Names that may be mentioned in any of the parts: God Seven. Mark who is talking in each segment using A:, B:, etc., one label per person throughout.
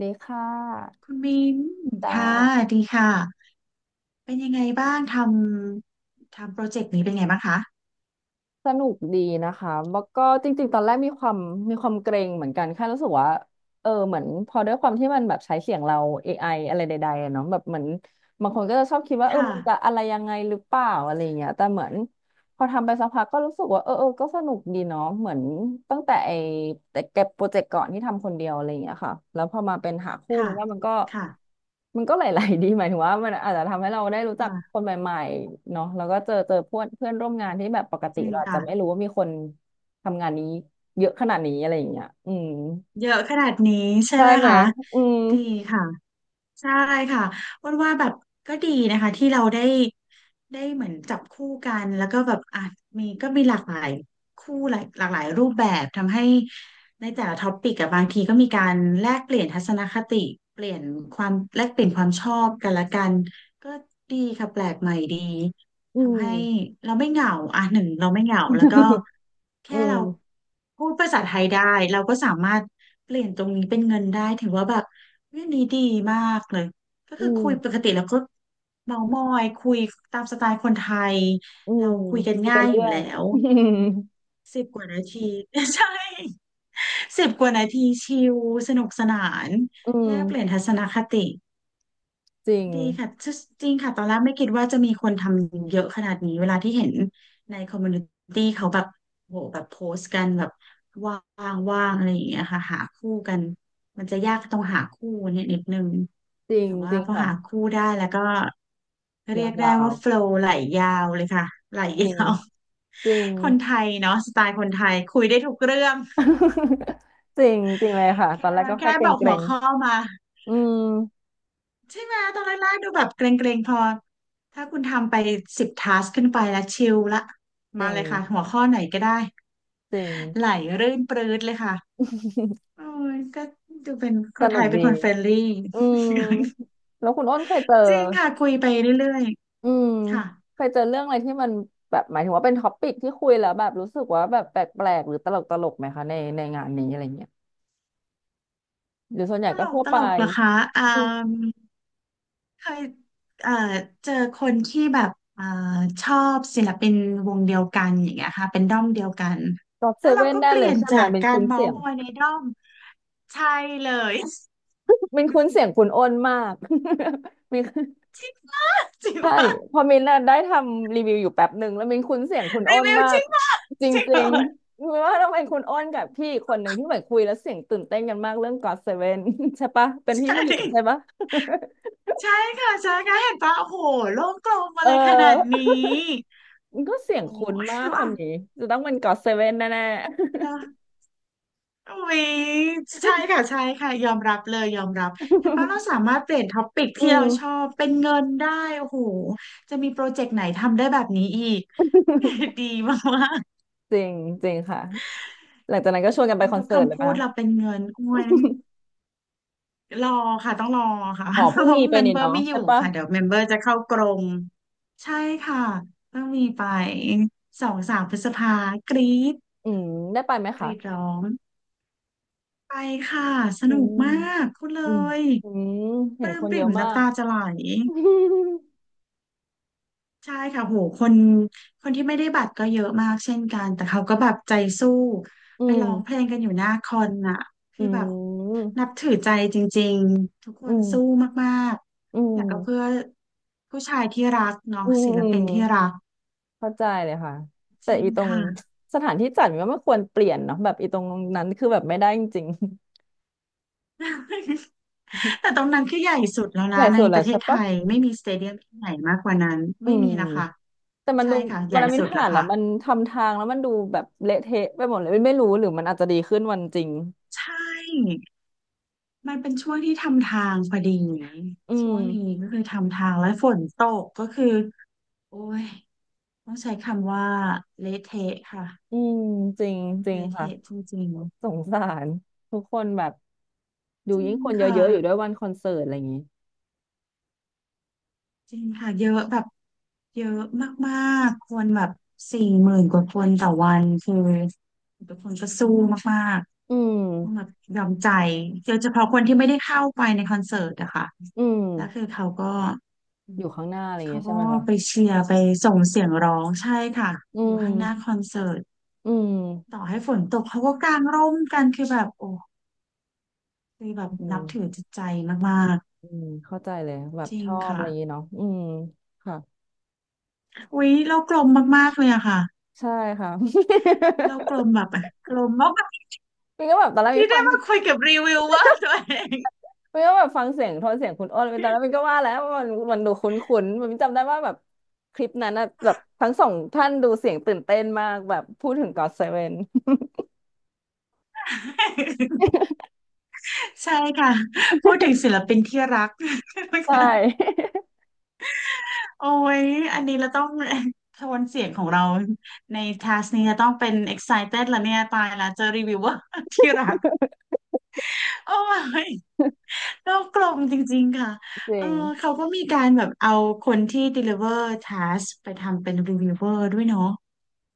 A: ดีค่ะ
B: คุณมิน
A: จ้า
B: ค่ะดีค่ะ เป็นยังไงบ้างทำทำโปรเจกต์นี้เป็นไงบ้างคะ
A: สนุกดีนะคะแล้วก็จริงๆตอนแรกมีความเกรงเหมือนกันแค่รู้สึกว่าเออเหมือนพอด้วยความที่มันแบบใช้เสียงเรา AI อไออะไรใดๆอะเนาะแบบเหมือนบางคนก็จะชอบคิดว่าเออ
B: ค่ะ
A: มันจะอะไรยังไงหรือเปล่าอะไรอย่างเงี้ยแต่เหมือน พอทำไปสักพักก็รู้สึกว่าเออก็สนุกดีเนาะเหมือนตั้งแต่ไอ้แต่เก็บโปรเจกต์ก่อนที่ทำคนเดียวอะไรอย่างเงี้ยค่ะแล้วพอมาเป็นหาคู่
B: ค่ะ
A: มันว่ามันก็
B: ค่ะ
A: มันก็หลายๆดี หมายถึงว่ามันอาจจะทำให้เราได้รู้จักค
B: ค่ะ
A: นใหม่ๆเนาะแล้วก็เจอเพื่อนเพื่อนร่วมงานที่แบบปก
B: จ
A: ติ
B: ริง
A: เราอาจจะ
B: ค่ะ
A: ไม่รู้ว่ามีคนทำงานนี้เยอะขนาดนี้อะไรอย่างเงี้ยอืม
B: เยอะขนาดนี้ใช่
A: ใช่
B: ไหม
A: ไหม
B: คะ
A: อืม
B: ดีค่ะใช่ค่ะอ้วนว่าแบบก็ดีนะคะที่เราได้ได้เหมือนจับคู่กันแล้วก็แบบอ่ะมีก็มีหลากหลายคู่หลายหลากหลายรูปแบบทำให้ในแต่ละท็อปิกอะบางทีก็มีการแลกเปลี่ยนทัศนคติเปลี่ยนความแลกเปลี่ยนความชอบกันละกันก็ดีค่ะแปลกใหม่ดี
A: อื
B: ทำ
A: ม
B: ให้เราไม่เหงาอ่ะหนึ่งเราไม่เหงา แล้วก็
A: อื
B: แค่เรา
A: ม
B: พูดภาษาไทยได้ เราก็สามารถเปลี่ยนตรงนี้เป็นเงินได้ถือว่าแบบเรื่องนี้ดีมากเลยก็
A: อื
B: คือ
A: ม
B: คุยปกติแล้วก็เมามอยคุยตามสไตล์คนไทย
A: อื
B: เรา
A: ม
B: คุยกัน
A: พูดไป
B: ง่ายอ
A: เรื่
B: ยู่
A: อย
B: แล้ว
A: อืม
B: สิบกว่านาที ใช่10 กว่านาทีชิลสนุกสนาน
A: อื
B: แล
A: ม
B: กเปลี่ยนทัศนคติ
A: จริง
B: ดีค่ะจจริงค่ะ ตอนแรกไม่คิดว่าจะมีคนทำเยอะขนาดนี้ เวลาที่เห็นในคอมมูนิตี้เขาแบบโหแบบโพสต์กันแบบว่างว่างอะไรอย่างเงี้ยค่ะหาคู่กันมันจะยากตรงหาคู่เนี่ยนิดนึง
A: จริง
B: แต่
A: จ
B: ว่า
A: ริง
B: พอหา
A: ค่ะ
B: คู่ได้แล้วก็เรี
A: ยา
B: ยกได้
A: ว
B: ว่าโฟลว์ไหลยาวเลยค่ะไหล
A: ๆจ
B: ย
A: ริง
B: าว
A: จริง
B: คนไทยเนาะสไตล์คนไทยคุยได้ทุกเรื่อง
A: จริงจริงเลยค่ะตอ
B: แค่
A: นแรกก็แค่
B: แค่
A: เก
B: บอก
A: ร
B: หัว
A: ง
B: ข้อมา
A: ๆอืม
B: ใช่ไหมตอนแรกๆดูแบบเกรงๆพอถ้าคุณทำไปสิบทัสขึ้นไปแล้วชิลละ
A: จ
B: มา
A: ริ
B: เล
A: ง
B: ยค่ะหัวข้อไหนก็ได้
A: จริง
B: ไหลรื่นปรื๊ดเลยค่ะโอ้ยก็ดูเป็นค
A: ส
B: นไท
A: นุก
B: ยเป็น
A: ดี
B: คนเฟรนลี่
A: อืมแล้วคุณอ้นเคยเจอ
B: จริงค่ะคุยไปเรื่อย
A: อืม
B: ๆค่ะ
A: เคยเจอเรื่องอะไรที่มันแบบหมายถึงว่าเป็นท็อปปิกที่คุยแล้วแบบรู้สึกว่าแบบแปลกๆหรือตลกตลกไหมคะในงานนี้อะไรเงี้ยหรือส่วนใหญ่
B: ต
A: ก็
B: ลก
A: ทั่ว
B: ต
A: ไป
B: ลกเหรอคะอ่า
A: อืม
B: เคยเอ่อเจอคนที่แบบอ่าชอบศิลปินวงเดียวกันอย่างเงี้ยค่ะเป็นด้อมเดียวกัน
A: ก็อตเซ
B: แล้วเรา
A: เว่น
B: ก็
A: ได้
B: เป
A: เล
B: ลี่ย
A: ย
B: น
A: ใช่ไห
B: จา
A: ม
B: ก
A: เป็น
B: การ
A: คุ้น
B: เมา
A: เสี
B: ส์
A: ยง
B: ม อยในด้อมใช่เลย
A: เป็นคุ้นเสียงคุณอ้นมาก มี
B: จริง
A: ใช่
B: ปะ
A: พอมินน่ะได้ทำรีวิวอยู่แป๊บหนึ่งแล้วมินคุ้นเสียงคุณอ้
B: รี
A: น
B: วิว
A: มา
B: จ
A: ก
B: ริงปะ
A: จ
B: จริงป
A: ริง
B: ะ
A: ๆมินว่าต้องเป็นคุณอ้นกับพี่อีกคนหนึ่งที่เหมือนคุยแล้วเสียงตื่นเต้นกันมากเรื่อง God Seven ใช่ปะเป็น
B: ใช
A: พี่ผู้หญิงใช่
B: ่
A: ปะ
B: ใช่ค่ะใช่ค่ะเห็นปะโอ้โหโลกกลม
A: เ
B: อะไรขนาด
A: ออ
B: นี้
A: มันก็เสียง
B: โอ้โห
A: คุ้นมากค
B: ว่ะ
A: นนี้จะต้องเป็น God Seven แน่
B: แล้ววิใช่ค่ะใช่ค่ะยอมรับเลยยอมรับเห็น
A: ๆ
B: ปะเราสามารถเปลี่ยนท็อปิก
A: อื
B: ที่เราชอ
A: ม
B: บเป็นเงินได้โอ้โหจะมีโปรเจกต์ไหนทำได้แบบนี้อีก ดีมาก
A: จริงจริงค่ะหลังจากนั้นก็ชวนกัน
B: ๆ
A: ไป
B: งั้น
A: คอน
B: ทุก
A: เสิร์ตเล
B: คำ
A: ย
B: พู
A: ปะ
B: ดเราเป็นเงินโอ้ย รอค่ะต้องรอค่ะ
A: อ๋อ
B: เพ
A: เพิ่ง
B: ราะ
A: มีไป
B: เมม
A: นี่
B: เบอร์
A: เนาะ
B: ไม่อ
A: ใช่
B: ยู่
A: ปะ
B: ค่ะเดี๋ยวเมมเบอร์จะเข้ากรงใช่ค่ะต้องมีไป2-3 พฤษภากรีด
A: อืมได้ไปไหม
B: ก
A: คะ
B: รีดร้องไปค่ะส
A: อื
B: นุก
A: ม
B: มากพูดเล
A: อืม
B: ย
A: อืม
B: ป
A: เห็น
B: ลื้
A: ค
B: ม
A: น
B: ป
A: เย
B: ริ่
A: อะ
B: ม
A: มา
B: น้ำ
A: ก
B: ตาจะไหล ใช่ค่ะโหคนคนที่ไม่ได้บัตรก็เยอะมากเช่นกันแต่เขาก็แบบใจสู้
A: อื
B: ไปร้องเพล
A: ม
B: งกันอยู่หน้าคอนน่ะ
A: อื
B: คือแบบ นับ
A: ม
B: ถือใจจริงๆทุกค
A: อื
B: นสู้
A: ม
B: มาก
A: อื
B: ๆแล้ว
A: ม
B: ก็เพื่อผู้ชายที่รักเน้อ
A: อื
B: ง
A: ม
B: ศิ
A: อื
B: ล
A: ม
B: ปินที่รัก
A: เข้าใจเลยค่ะ
B: จ
A: แต่
B: ริง
A: อีตรง
B: ค่ะ
A: สถานที่จัดมันก็ไม่ควรเปลี่ยนเนาะแบบอีตรงนั้นคือแบบไม่ได้จริง
B: แต่ตรงนั้นคือใหญ่สุดแล้ว
A: ๆ ให
B: นะ
A: ญ่
B: ใน
A: สุด
B: ป
A: แล้ว
B: ระเท
A: ใช่
B: ศไท
A: ปะ
B: ยไม่มีสเตเดียมที่ไหนมากกว่านั้น
A: อื
B: ไม่
A: ม
B: มีนะคะ
A: แต่มัน
B: ใช่
A: ดู
B: ค่ะให
A: วัน
B: ญ่
A: นั้นมิน
B: สุด
A: ผ่า
B: แล้ว
A: นแล้ว
B: ค่ะ
A: มันทำทางแล้วมันดูแบบเละเทะไปหมดเลยมินไม่รู้หรือมันอาจจะดีขึ้นวันจริง
B: ใช่ มันเป็นช่วงที่ทำทางพอดี
A: อื
B: ช่ว
A: ม
B: งนี้ก็คือทำทางและฝนตกก็คือโอ้ยต้องใช้คำว่าเละเทะค่ะ
A: อืมจริงจริง
B: เละ
A: ค่ะ
B: เทะจริง
A: สงสารทุกคนแบบดู
B: ๆจริ
A: ยิ่ง
B: ง
A: คนเย
B: ค่ะ
A: อะๆอยู่ด้วยวันคอนเสิร์ตอะไรอย่างนี้
B: จริงค่ะเยอะแบบเยอะมากๆคนแบบ40,000 กว่าคนต่อวันคือทุกคนก็สู้มาก
A: อื
B: ๆต้องแบ
A: ม
B: บยอมใจโดยเฉพาะคนที่ไม่ได้เข้าไปในคอนเสิร์ตอะค่ะ
A: อืม
B: แล้วคือเขาก็
A: อยู่ข้างหน้าอะไรอย่าง
B: เขา
A: เงี้ยใช่
B: ก็
A: ไหมคะ
B: ไปเชียร์ไปส่งเสียงร้องใช่ค่ะ
A: อื
B: อยู่ข้างหน้า
A: ม
B: คอนเสิร์ต
A: อืม
B: ต่อให้ฝนตกเขาก็กางร่มกันคือแบบโอ้คือแบบ
A: อื
B: นั
A: ม
B: บถือจิตใจมาก
A: อืมเข้าใจเลยแบ
B: ๆ
A: บ
B: จริ
A: ช
B: ง
A: อบอะ
B: ค่ะ
A: ไรอย่างเงี้ยเนาะอืมค่ะ
B: อุ๊ยเรากลมมากๆเลยอะค่ะ
A: ใช่ค่ะ
B: เรากลมแบบกลมมาก
A: มันก็แบบตอนแรกมิ
B: ที่
A: นฟั
B: ได้
A: ง
B: มาคุยกับรีวิวเวอร์ตัวเอง
A: มันก็แบบฟังเสียงโทนเสียงคุณอ้นตอนแรกมินก็ว่าแล้วว่ามันมันดูคุ้นๆ มันจำได้ว่าแบบคลิปนั้นนะแบบทั้งสองท่านดูเสียงตื่นเต้นมากแบบพูดถึง God Seven
B: ใช่ค่ะพูดถึงศิลปินที่รัก
A: ใช่
B: โอ้ยอันนี้เราต้องโทนเสียงของเราในทัสนี้จะต้องเป็น excited แล้วเนี่ยตายแล้วเจอรีวิวเวอร์ที่รัก โอ้ยโลกกลมจริงๆค่ะ
A: จ
B: เอ
A: ริ
B: อ
A: ง
B: เขาก็มีการแบบเอาคนที่ deliver task ไปทำเป็น reviewer ด้วยเนาะ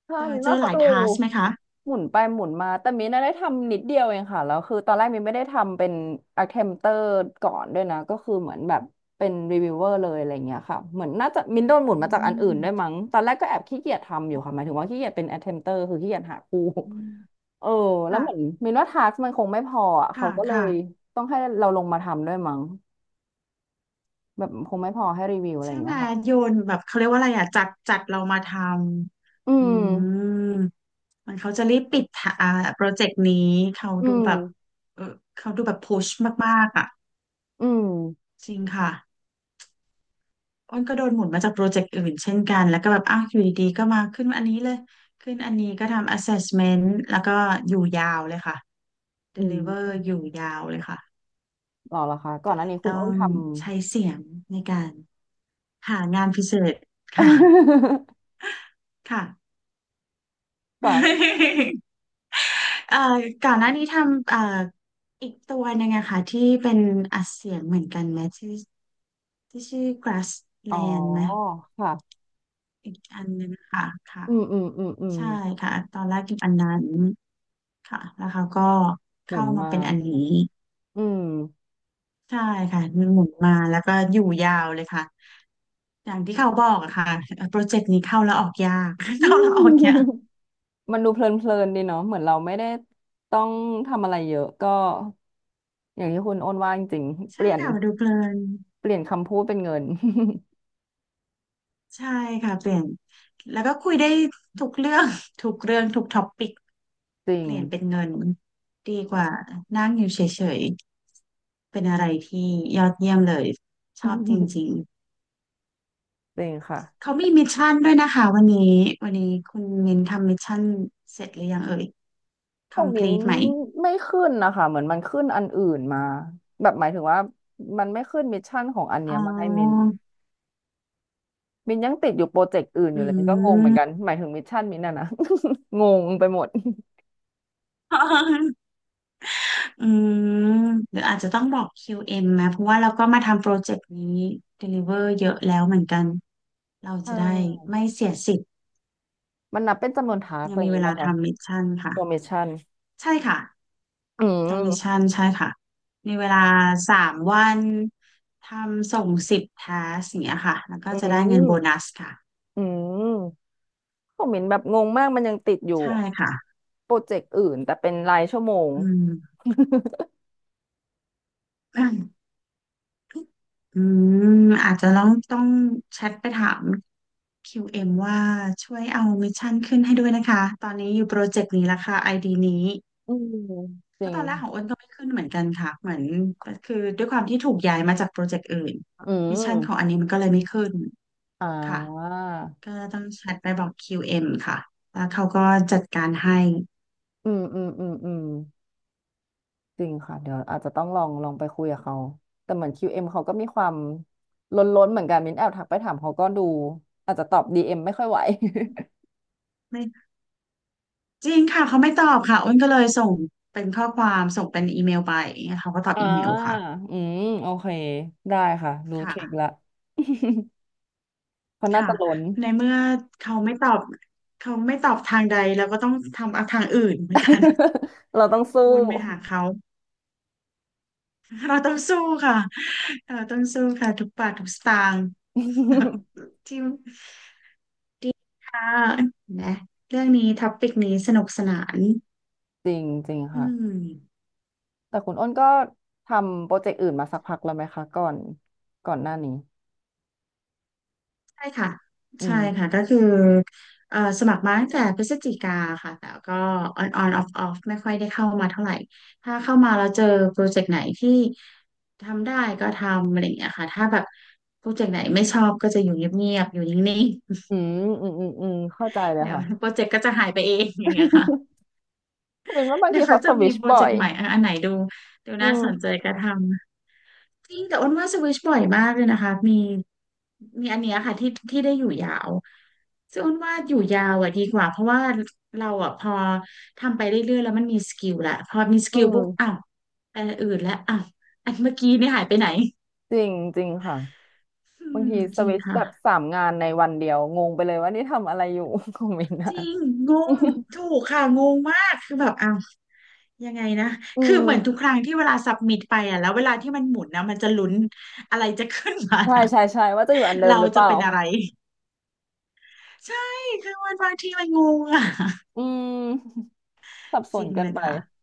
A: ใช่
B: เจอ
A: มิน
B: เจอ
A: ว่า
B: ห
A: เขา
B: ลาย
A: ดู
B: task ไหมคะ
A: หมุนไปหมุนมาแต่มินน่ะได้ทำนิดเดียวเองค่ะแล้วคือตอนแรกมินไม่ได้ทำเป็น attempter ก่อนด้วยนะก็คือเหมือนแบบเป็น reviewer เลยอะไรเงี้ยค่ะเหมือนน่าจะมินโดนหมุน
B: อื
A: มาจากอันอื่นด้วย
B: ม
A: มั้งตอนแรกก็แอบขี้เกียจทำอยู่ค่ะหมายถึงว่าขี้เกียจเป็น attempter คือขี้เกียจหาคู่
B: อืม
A: เออแล้ว
B: ค่ะ
A: เหมือนมินว่า task มันคงไม่พออ่ะเขา
B: ค่ะ
A: ก็เล
B: ค่ะ
A: ยต้องให้เราลงมาทำด้วยมั้งแบบคงไม่พอให้รีวิวอะไรอ
B: ใช่
A: ย่าง
B: ไห
A: เงี้
B: ม
A: ยค่ะ
B: โยนแบบเขาเรียกว่าอะไรอ่ะจัดจัดเรามาท
A: อื
B: ำอื
A: ม
B: มมันเขาจะรีบปิดทะอ่าโปรเจกต์นี้เขา
A: อื
B: ดู
A: ม
B: แบบเออเขาดูแบบพุชมากๆอ่ะ
A: อืม
B: จริงค่ะอ้นก็โดนหมุนมาจากโปรเจกต์อื่นเช่นกันแล้วก็แบบอ้าวอยู่ดีๆก็มาขึ้นอันนี้เลยขึ้นอันนี้ก็ทำ assessment แล้วก็อยู่ยาวเลยค่ะ
A: อื
B: deliver
A: ม
B: อยู่ยาวเลยค่ะ
A: หรอเหรอคะก่อ
B: ก็
A: นห
B: เล
A: น้า
B: ย
A: นี้คุ
B: ต้
A: ณ
B: อ
A: อ้น
B: ง
A: ทำ
B: ใช้เสียงในการหางานพิเศษค่ะ ค่ะ
A: ก่อน
B: เอ่อก่อนหน้านี้ทำอีกตัวหนึ่งอะค่ะที่เป็นอัดเสียงเหมือนกันไหมที่ที่ชื่อ
A: อ๋อ
B: Grassland ไหม
A: ค่ะ
B: อีกอันหนึงค่ะค่ะ
A: อืมอืมอืมอืม
B: ใช่ค่ะตอนแรกกินอันนั้นค่ะแล้วเขาก็
A: หมุ
B: เข้า
A: น
B: มา
A: มา
B: เป็นอันนี้
A: อืม
B: ใช่ค่ะหมุนมาแล้วก็อยู่ยาวเลยค่ะอย่างที่เขาบอกอะค่ะโปรเจกต์นี้เข้าแล้วออกยาก
A: อื
B: เข้าแล้ว
A: ม
B: ออกยาก
A: มันดูเพลินๆดีเนาะเหมือนเราไม่ได้ต้องทำอะไรเยอะก็อย่างที่คุณโอนว่าจริงๆเป
B: ใช่
A: ลี่ยน
B: ค่ะมาดูเพลิน
A: เปลี่ยนคำพูดเป็นเงิน
B: ใช่ค่ะเปลี่ยนแล้วก็คุยได้ทุกเรื่อง ทุกเรื่องทุกท็อปปิก
A: จริ
B: เป
A: ง
B: ลี่ยนเป็นเงินดีกว่านั่งอยู่เฉยๆเป็นอะไรที่ยอดเยี่ยมเลยชอบจ ริง
A: จริงค่ะ
B: ๆเขามีมิชชั่นด้วยนะคะวันนี้วันนี้คุณมินทำมิชชั่นเสร็จหรือยังเอ่ย
A: ของมิ้น
B: complete ไหม
A: ไม่ขึ้นนะคะ เหมือนมันขึ้นอันอื่นมา แบบหมายถึงว่ามันไม่ขึ้นมิชชั่นของอันเนี้
B: อ๋
A: ย
B: อ
A: มาให้มิ้น มินยังติดอยู่โปรเจกต์อื่นอ
B: อื
A: ยู่เลยมินก็งงเหมือนกัน
B: ม
A: หมายถึงมิชชั่นมินน่ะนะ งงไปหมด
B: อืมหรืออาจจะต้องบอก QM นะเพราะว่าเราก็มาทำโปรเจกต์นี้ deliver เยอะแล้วเหมือนกัน เรา
A: ใช
B: จะได้
A: ่
B: ไม่เสียสิทธิ์
A: มันนับเป็นจำนวนทาส
B: ยั
A: อะ
B: ง
A: ไรอ
B: มี
A: ย่าง
B: เว
A: นี้ไหม
B: ลา
A: คะ
B: ทำมิชชั่นค่ะ
A: ตัวมิชชั่น
B: ใช่ค่ะ
A: อื
B: ทำมิช
A: ม
B: ชั่นใช่ค่ะมีเวลาสามวันทำส่งสิบทัสอย่างเงี้ยค่ะแล้วก็
A: อื
B: จะได้เงินโบนั
A: ม
B: สค่ะ
A: อืมผมมินแบบงงมากมันยังติดอยู่
B: ใช่ค่ะ
A: โปรเจกต์อื่นแต่เป็นรายชั่วโมง
B: อืม อืมอาจจะต้องแชทไปถาม QM วเอ็มว่าช่วยเอามิชชั่นขึ้นให้ด้วยนะคะตอนนี้อยู่โปรเจกต์นี้ละค่ะไอดีนี้
A: อืม จ
B: เพ
A: ริ
B: ราะตอ
A: ง
B: นแรกของอ้นก็ไม่ขึ้นเหมือนกันค่ะเหมือนก็คือด้วยความที่ถูกย้ายมาจากโปรเจกต์อื่น
A: อื
B: มิชชั่นของ
A: ม
B: อันนี้มันก็เลยไม่ขึ้น
A: อ่า
B: ค่ะก็ต้องแชทไปบอก QM ค่ะแล้วเขาก็จัดการให้
A: อืมอืมอืมอืม จริงค่ะเดี๋ยวอาจจะต้องลองลองไปคุยกับเขาแต่เหมือน QM เอ็มเขาก็มีความล้นๆเหมือนกันมิ้นแอบทักไปถามเขาก็ดูอาจจะตอบ DM ไม่ค่อยไหว
B: ไม่จริงค่ะเขาไม่ตอบค่ะอ้นก็เลยส่งเป็นข้อความส่งเป็นอีเมลไปเขาก็ตอ บ
A: อ่า
B: อีเมลค่ะ
A: อืมโอเคได้ค่ะรู้ท
B: ค่ะ
A: ริคละ เพราะน่า
B: ค่ะ
A: จะล้น
B: ในเมื่อเขาไม่ตอบเขาไม่ตอบทางใดเราก็ต้องทำเอาทางอื่นเหมือนกัน
A: เราต้องสู้
B: วนไปหาเขา เราต้องสู้ค่ะเราต้องสู้ค่ะทุกบาททุกสตางค์ ที่ค่ะนะเรื่องนี้ท็อปิกนี้สนุกสนาน
A: จริงจริง
B: อื
A: ค่ะ
B: ม
A: แต่คุณอ้นก็ทำโปรเจกต์อื่นมาสักพักแล้วไหมคะก่อนหน้านี้
B: ใช่ค่ะ
A: อื
B: ใช่
A: ม
B: ค่ะก็คือสมัครมาตั้งแต่พฤศจิกาค่ะแต่ก็ on on off off ไม่ค่อยได้เข้ามาเท่าไหร่ถ้าเข้ามาแล้วเจอโปรเจกต์ไหนที่ทำได้ก็ทำอะไรอย่างเงี้ยค่ะถ้าแบบโปรเจกต์ไหนไม่ชอบก็จะอยู่เงียบๆอยู่นิ่ง
A: อืมอืมอืมอืมเข้าใจเล
B: ๆ
A: ย
B: เดี๋ยว
A: ค่ะ
B: โปรเจกต์ก็จะหายไปเองอย่างเงี้ยค่ะ
A: แต่เป็นว่าบาง
B: เดี๋ย
A: ที
B: วเขา
A: เขาส
B: จะ
A: วิ
B: มี
A: ช
B: โปร
A: บ่
B: เจ
A: อ
B: ก
A: ย
B: ต์ใหม่อะอันไหนดูดู
A: อื
B: น่าสนใจ
A: ม
B: ก็ทำจริงแต่อ้นว่าสวิชบ่อยมากเลยนะคะมีอันเนี้ยค่ะที่ได้อยู่ยาวซึ่งอ้นว่าอยู่ยาวอ่ะดีกว่าเพราะว่าเราอ่ะพอทำไปเรื่อยๆแล้วมันมีสกิลละพอมีส
A: อื
B: กิลปุ๊บอ้า
A: ม
B: วอันอื่นแล้วอ้าวอันเมื่อกี้นี่หายไปไหน
A: จริงจริงค่ะ
B: อื
A: บาง
B: ม
A: ทีส
B: จริง
A: วิตช์แบ
B: ค่ะ
A: บสามงานในวันเดียวงงไปเลยว่านี่ทำอะไรอยู่ คองมินต์
B: จ
A: อะ
B: ริงงงถู กค่ะงงมากคือแบบอ้าว ยังไงนะ
A: อื
B: คือเหมือนทุก
A: ม
B: ครั้งที่เวลาสับมิดไปอ่ะแล้วเวลาที่มันหมุนนะมันจะลุ้นอะไรจะขึ้นมา
A: ใช่
B: นะ
A: ใช่ใช่ว่าจะอยู่อัน เดิม
B: เรา
A: หรือเป
B: จะ
A: ล่า
B: เป็นอะไร ใช่คือมันบางทีมันงงอ่ะ
A: อืม สับส
B: จริ
A: น
B: ง
A: เกิ
B: เล
A: น
B: ย
A: ไป
B: ค่ะ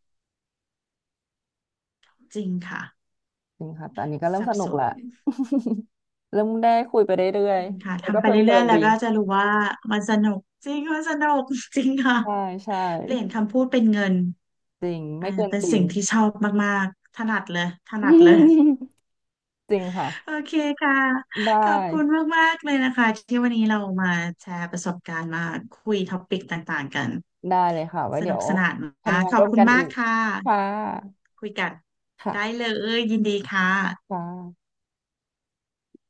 B: จริงค่ะ
A: จริงค่ะแต่อันนี้ก็เริ่ม
B: สับ
A: สนุ
B: ส
A: กแหละ
B: น
A: เริ่มได้คุยไปเรื่อ
B: จ
A: ย
B: ริงค่ะ
A: ๆแล้วก็
B: ทำไป
A: เพลิ
B: เรื่อย
A: น
B: ๆ
A: ๆ
B: แล้
A: ดี
B: วก็จะรู้ว่ามันสนุกจริงมันสนุก จริงค่ะ
A: ใช่ใช่
B: เปลี่ยนคำพูดเป็นเงิน
A: จริง
B: อ่า
A: ไม่เกิน
B: เป็น
A: จริง
B: สิ่งที่ชอบมากๆ ถนัดเลยถนัดเลย
A: จริง
B: โอ
A: ค่ะ
B: เคค่ะ
A: ได
B: ขอบคุณ
A: ้
B: มากๆเลยนะคะที่วันนี้เรามาแชร์ประสบการณ์มาคุยท็อปิกต่างๆกัน
A: ได้เลยค่ะไว้
B: ส
A: เดี๋
B: นุ
A: ย
B: ก
A: ว
B: สนานมา
A: ทำ
B: ก
A: งาน
B: ขอ
A: ร่
B: บ
A: วม
B: คุณ
A: กัน
B: มา
A: อี
B: ก
A: ก
B: ค่ะ
A: ค่ะ
B: คุยกันได้
A: ค่ะ
B: เลยยินดีค่ะ
A: ค่ะ